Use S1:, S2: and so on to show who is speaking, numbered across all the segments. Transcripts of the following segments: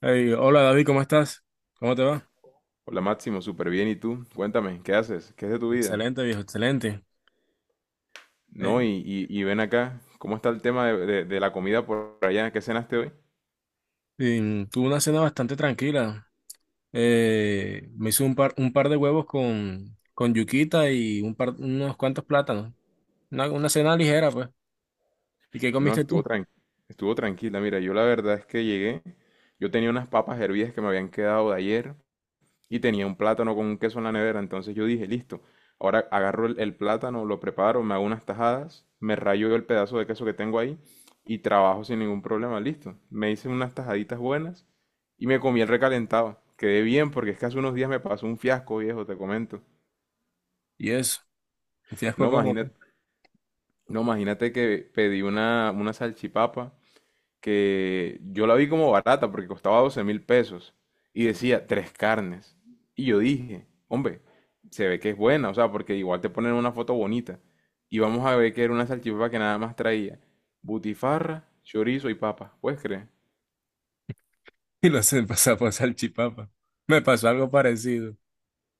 S1: Hey, hola David, ¿cómo estás? ¿Cómo te va?
S2: Hola Máximo, súper bien. ¿Y tú? Cuéntame, ¿qué haces? ¿Qué es de tu vida?
S1: Excelente, viejo, excelente.
S2: No,
S1: Hey,
S2: y ven acá, ¿cómo está el tema de la comida por allá? ¿Qué cenaste hoy?
S1: tuve una cena bastante tranquila. Me hice un par de huevos con yuquita y unos cuantos plátanos. Una cena ligera, pues. ¿Y qué
S2: No,
S1: comiste tú?
S2: estuvo tranquila. Mira, yo la verdad es que llegué, yo tenía unas papas hervidas que me habían quedado de ayer, y tenía un plátano con un queso en la nevera. Entonces yo dije, listo, ahora agarro el plátano, lo preparo, me hago unas tajadas, me rayo el pedazo de queso que tengo ahí y trabajo sin ningún problema, listo. Me hice unas tajaditas buenas y me comí el recalentado. Quedé bien porque es que hace unos días me pasó un fiasco, viejo, te comento.
S1: Y eso, un fiasco
S2: No,
S1: como, tú.
S2: imagínate, no, imagínate que pedí una salchipapa que yo la vi como barata porque costaba 12.000 pesos y decía tres carnes. Y yo dije, hombre, se ve que es buena, o sea, porque igual te ponen una foto bonita. Y vamos a ver que era una salchipapa que nada más traía butifarra, chorizo y papa. ¿Puedes creer?
S1: Y lo sé, pasar por salchipapa. Me pasó algo parecido. O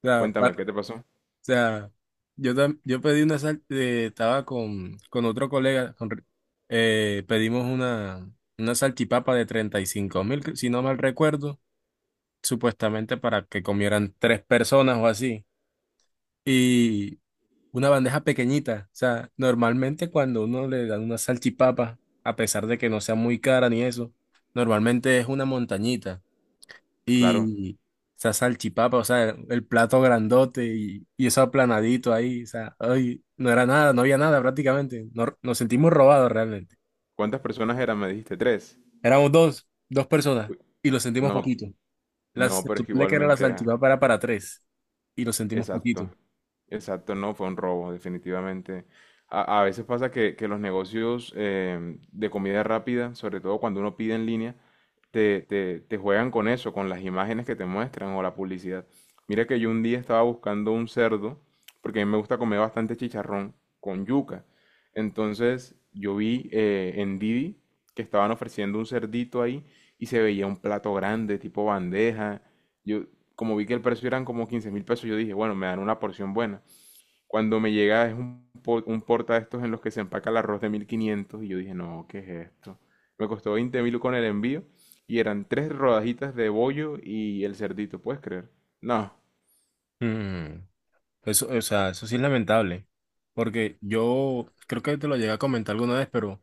S1: sea,
S2: Cuéntame, ¿qué te pasó?
S1: sea, yo pedí estaba con otro colega, pedimos una salchipapa de 35.000, si no mal recuerdo, supuestamente para que comieran tres personas o así, y una bandeja pequeñita. O sea, normalmente cuando uno le dan una salchipapa, a pesar de que no sea muy cara ni eso, normalmente es una montañita.
S2: Claro.
S1: Y esa salchipapa, o sea, el plato grandote y eso aplanadito ahí, o sea, ay, no era nada, no había nada prácticamente. Nos sentimos robados realmente.
S2: ¿Cuántas personas eran? Me dijiste tres.
S1: Éramos dos personas
S2: Uy,
S1: y lo sentimos
S2: no,
S1: poquito. Las,
S2: no,
S1: se
S2: pero es que
S1: supone que era la
S2: igualmente era.
S1: salchipapa era para tres y lo sentimos poquito.
S2: Exacto, exacto, no, fue un robo, definitivamente. A veces pasa que los negocios de comida rápida, sobre todo cuando uno pide en línea, te juegan con eso, con las imágenes que te muestran o la publicidad. Mira que yo un día estaba buscando un cerdo, porque a mí me gusta comer bastante chicharrón con yuca. Entonces yo vi en Didi que estaban ofreciendo un cerdito ahí y se veía un plato grande, tipo bandeja yo, como vi que el precio eran como 15.000 pesos, yo dije, bueno, me dan una porción buena. Cuando me llega es un, un porta de estos en los que se empaca el arroz de 1.500 y yo dije, no, ¿qué es esto? Me costó 20.000 con el envío y eran tres rodajitas de bollo y el cerdito, ¿puedes creer? No,
S1: Mm. Eso, o sea, eso sí es lamentable, porque yo creo que te lo llegué a comentar alguna vez, pero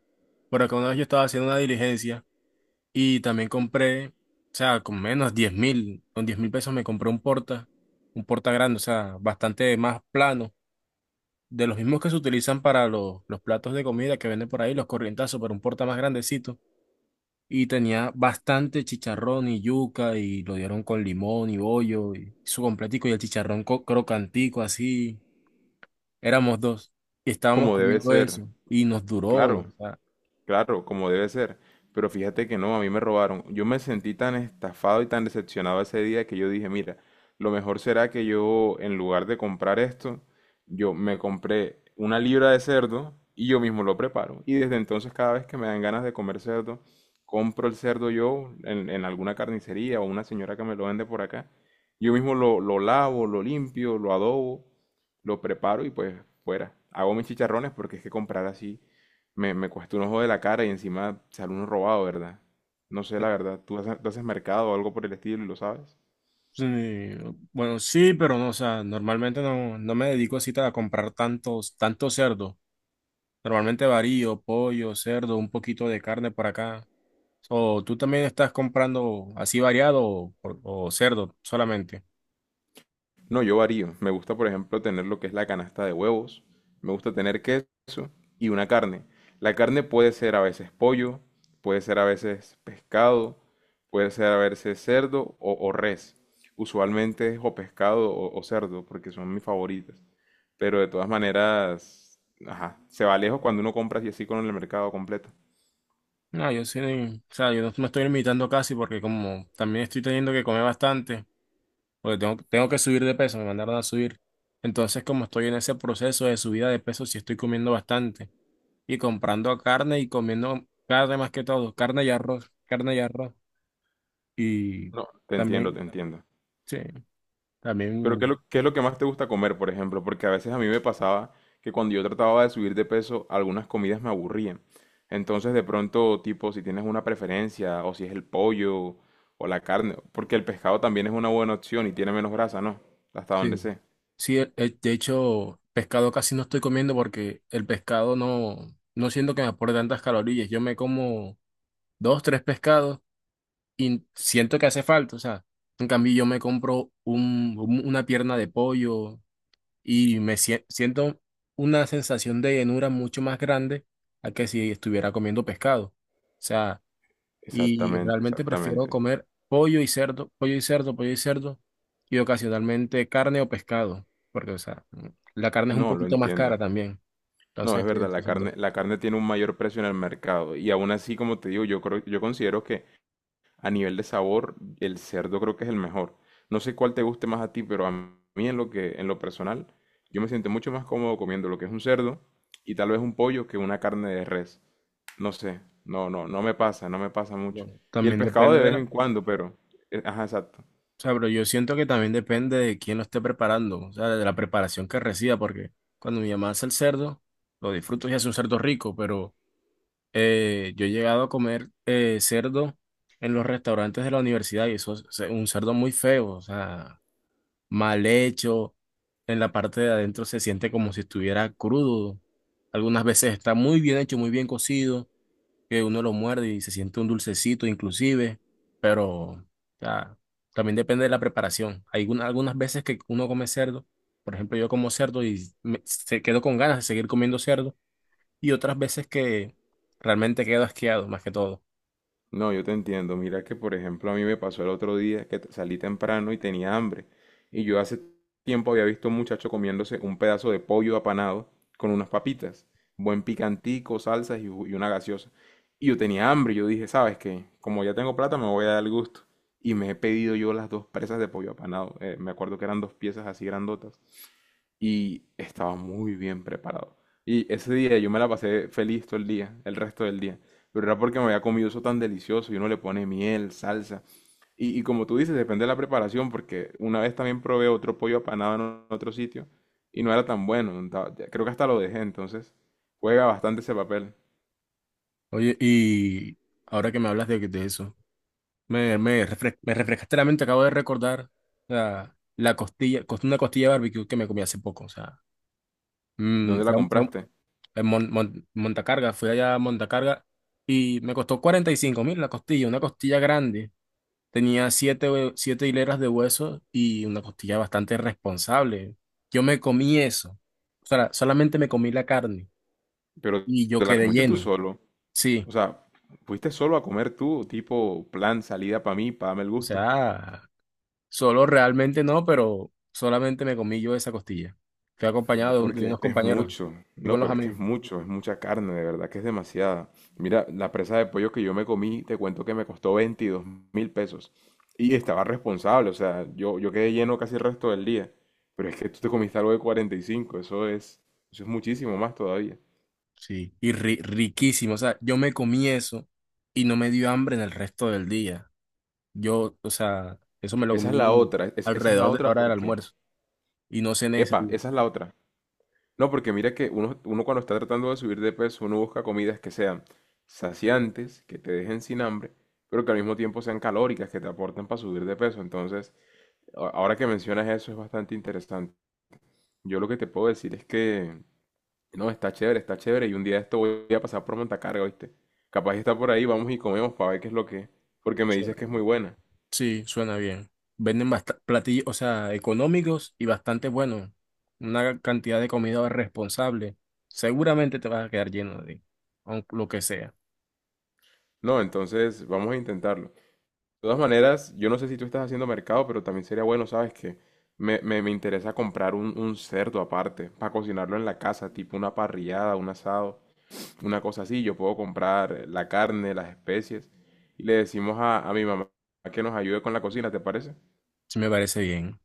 S1: por acá una vez yo estaba haciendo una diligencia. Y también compré, o sea, con menos 10.000, con 10.000 pesos me compré un porta grande, o sea, bastante más plano, de los mismos que se utilizan para los platos de comida que venden por ahí, los corrientazos, pero un porta más grandecito. Y tenía bastante chicharrón y yuca, y lo dieron con limón y bollo, y su completico, y el chicharrón crocantico, así. Éramos dos, y estábamos
S2: como debe
S1: comiendo
S2: ser,
S1: eso, y nos duró, o
S2: claro.
S1: sea.
S2: Claro, como debe ser. Pero fíjate que no, a mí me robaron. Yo me sentí tan estafado y tan decepcionado ese día que yo dije, mira, lo mejor será que yo, en lugar de comprar esto, yo me compré una libra de cerdo y yo mismo lo preparo. Y desde entonces, cada vez que me dan ganas de comer cerdo, compro el cerdo yo en alguna carnicería o una señora que me lo vende por acá. Yo mismo lo lavo, lo limpio, lo adobo, lo preparo y pues fuera. Hago mis chicharrones porque es que comprar así. Me cuesta un ojo de la cara y encima sale uno robado, ¿verdad? No sé, la verdad. ¿ tú haces mercado o algo por el estilo y lo sabes?
S1: Sí, bueno, sí, pero no, o sea, normalmente no me dedico así a comprar tantos cerdos. Normalmente varío, pollo, cerdo, un poquito de carne por acá. O tú también estás comprando así variado o cerdo solamente.
S2: No, yo varío. Me gusta, por ejemplo, tener lo que es la canasta de huevos. Me gusta tener queso y una carne. La carne puede ser a veces pollo, puede ser a veces pescado, puede ser a veces cerdo o res. Usualmente es o pescado o cerdo porque son mis favoritas. Pero de todas maneras, ajá, se va lejos cuando uno compra así así con el mercado completo.
S1: No, yo sí, o sea, yo no me estoy limitando casi porque como también estoy teniendo que comer bastante, porque tengo que subir de peso, me mandaron a subir. Entonces, como estoy en ese proceso de subida de peso, sí estoy comiendo bastante. Y comprando carne y comiendo carne más que todo, carne y arroz, carne y arroz. Y
S2: No, te entiendo, te
S1: también,
S2: entiendo.
S1: sí,
S2: Pero
S1: también,
S2: ¿qué es qué es lo que más te gusta comer, por ejemplo? Porque a veces a mí me pasaba que cuando yo trataba de subir de peso, algunas comidas me aburrían. Entonces, de pronto, tipo, si tienes una preferencia, o si es el pollo, o la carne, porque el pescado también es una buena opción y tiene menos grasa, ¿no? Hasta donde
S1: sí.
S2: sé.
S1: Sí, de hecho, pescado casi no estoy comiendo porque el pescado no. No siento que me aporte tantas calorías. Yo me como dos, tres pescados y siento que hace falta. O sea, en cambio yo me compro una pierna de pollo y me siento una sensación de llenura mucho más grande a que si estuviera comiendo pescado. O sea, y
S2: Exactamente,
S1: realmente prefiero
S2: exactamente.
S1: comer pollo y cerdo, pollo y cerdo, pollo y cerdo, y ocasionalmente carne o pescado, porque, o sea, la carne es un
S2: No, lo
S1: poquito más cara
S2: entiendo.
S1: también.
S2: No,
S1: Entonces
S2: es
S1: estoy
S2: verdad,
S1: entre esos dos.
S2: la carne tiene un mayor precio en el mercado. Y aún así, como te digo, yo creo, yo considero que a nivel de sabor, el cerdo creo que es el mejor. No sé cuál te guste más a ti, pero a mí en lo que, en lo personal, yo me siento mucho más cómodo comiendo lo que es un cerdo y tal vez un pollo que una carne de res. No sé, no, no, no me pasa, no me pasa mucho.
S1: Bueno,
S2: Y el
S1: también
S2: pescado de
S1: depende de
S2: vez
S1: la.
S2: en cuando, pero, ajá, exacto.
S1: O sea, pero yo siento que también depende de quién lo esté preparando, o sea, de la preparación que reciba, porque cuando mi mamá hace el cerdo, lo disfruto y hace un cerdo rico, pero. Yo he llegado a comer cerdo en los restaurantes de la universidad y eso es un cerdo muy feo, o sea, mal hecho. En la parte de adentro se siente como si estuviera crudo. Algunas veces está muy bien hecho, muy bien cocido, que uno lo muerde y se siente un dulcecito inclusive, pero o sea, también depende de la preparación. Hay algunas veces que uno come cerdo, por ejemplo, yo como cerdo y se quedo con ganas de seguir comiendo cerdo y otras veces que realmente quedo asqueado, más que todo.
S2: No, yo te entiendo. Mira que, por ejemplo, a mí me pasó el otro día que salí temprano y tenía hambre. Y yo hace tiempo había visto a un muchacho comiéndose un pedazo de pollo apanado con unas papitas, buen picantico, salsas y una gaseosa. Y yo tenía hambre. Yo dije, ¿sabes qué? Como ya tengo plata, me voy a dar el gusto. Y me he pedido yo las dos presas de pollo apanado. Me acuerdo que eran dos piezas así grandotas y estaba muy bien preparado. Y ese día yo me la pasé feliz todo el día, el resto del día. Pero era porque me había comido eso tan delicioso y uno le pone miel, salsa. Y como tú dices, depende de la preparación, porque una vez también probé otro pollo apanado en otro sitio y no era tan bueno. no ta- ya- Creo que hasta lo dejé, entonces juega bastante ese papel.
S1: Oye, y ahora que me hablas de eso, me refrescaste la mente, acabo de recordar una costilla de barbecue que me comí hace poco, o sea, mm,
S2: ¿Dónde la
S1: fue a- fue
S2: compraste?
S1: a- en Montacarga, fui allá a Montacarga y me costó 45.000 la costilla, una costilla grande, tenía siete hileras de hueso y una costilla bastante responsable. Yo me comí eso, o sea, solamente me comí la carne.
S2: Pero
S1: Y yo
S2: te la
S1: quedé
S2: comiste tú
S1: lleno.
S2: solo.
S1: Sí,
S2: O sea, fuiste solo a comer tú, tipo plan salida para mí, para darme el
S1: o
S2: gusto.
S1: sea, solo realmente no, pero solamente me comí yo esa costilla. Fui
S2: No,
S1: acompañado de
S2: porque
S1: unos
S2: es
S1: compañeros,
S2: mucho.
S1: fui
S2: No,
S1: con los
S2: pero es que es
S1: amigos.
S2: mucho, es mucha carne, de verdad que es demasiada. Mira, la presa de pollo que yo me comí, te cuento que me costó 22.000 pesos. Y estaba responsable, o sea, yo quedé lleno casi el resto del día. Pero es que tú te comiste algo de 45, eso es muchísimo más todavía.
S1: Sí, y riquísimo, o sea, yo me comí eso y no me dio hambre en el resto del día. Yo, o sea, eso me lo
S2: Esa es la
S1: comí
S2: otra, esa es la
S1: alrededor de la
S2: otra
S1: hora del
S2: porque,
S1: almuerzo y no cené ese
S2: epa,
S1: día.
S2: esa es la otra. No, porque mira que uno, uno cuando está tratando de subir de peso, uno busca comidas que sean saciantes, que te dejen sin hambre, pero que al mismo tiempo sean calóricas, que te aporten para subir de peso. Entonces, ahora que mencionas eso es bastante interesante. Yo lo que te puedo decir es que, no, está chévere, y un día de esto voy a pasar por Montacarga, ¿viste? Capaz está por ahí, vamos y comemos para ver qué es lo que es, porque me dices que es muy buena.
S1: Sí, suena bien. Venden platillos, o sea, económicos y bastante buenos. Una cantidad de comida responsable. Seguramente te vas a quedar lleno de, aunque lo que sea.
S2: No, entonces vamos a intentarlo. De todas maneras, yo no sé si tú estás haciendo mercado, pero también sería bueno, ¿sabes qué? Me interesa comprar un cerdo aparte para cocinarlo en la casa, tipo una parrillada, un asado, una cosa así. Yo puedo comprar la carne, las especies y le decimos a mi mamá que nos ayude con la cocina, ¿te parece?
S1: Sí, me parece bien.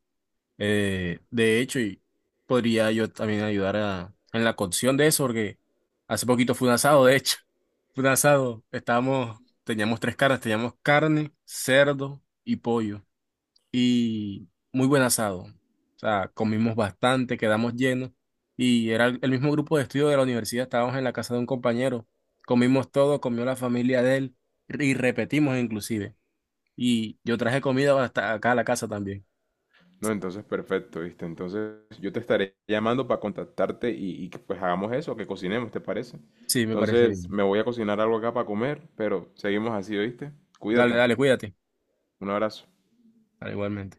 S1: De hecho, y podría yo también ayudar en la cocción de eso, porque hace poquito fue un asado, de hecho. Fue un asado. Estábamos, teníamos tres carnes, teníamos carne, cerdo y pollo. Y muy buen asado. O sea, comimos bastante, quedamos llenos y era el mismo grupo de estudio de la universidad, estábamos en la casa de un compañero, comimos todo, comió la familia de él y repetimos inclusive. Y yo traje comida hasta acá a la casa también.
S2: No, entonces perfecto, ¿viste? Entonces yo te estaré llamando para contactarte y que pues hagamos eso, que cocinemos, ¿te parece?
S1: Sí, me parece
S2: Entonces
S1: bien.
S2: me voy a cocinar algo acá para comer, pero seguimos así, ¿oíste?
S1: Dale,
S2: Cuídate,
S1: dale, cuídate.
S2: un abrazo.
S1: Dale, igualmente.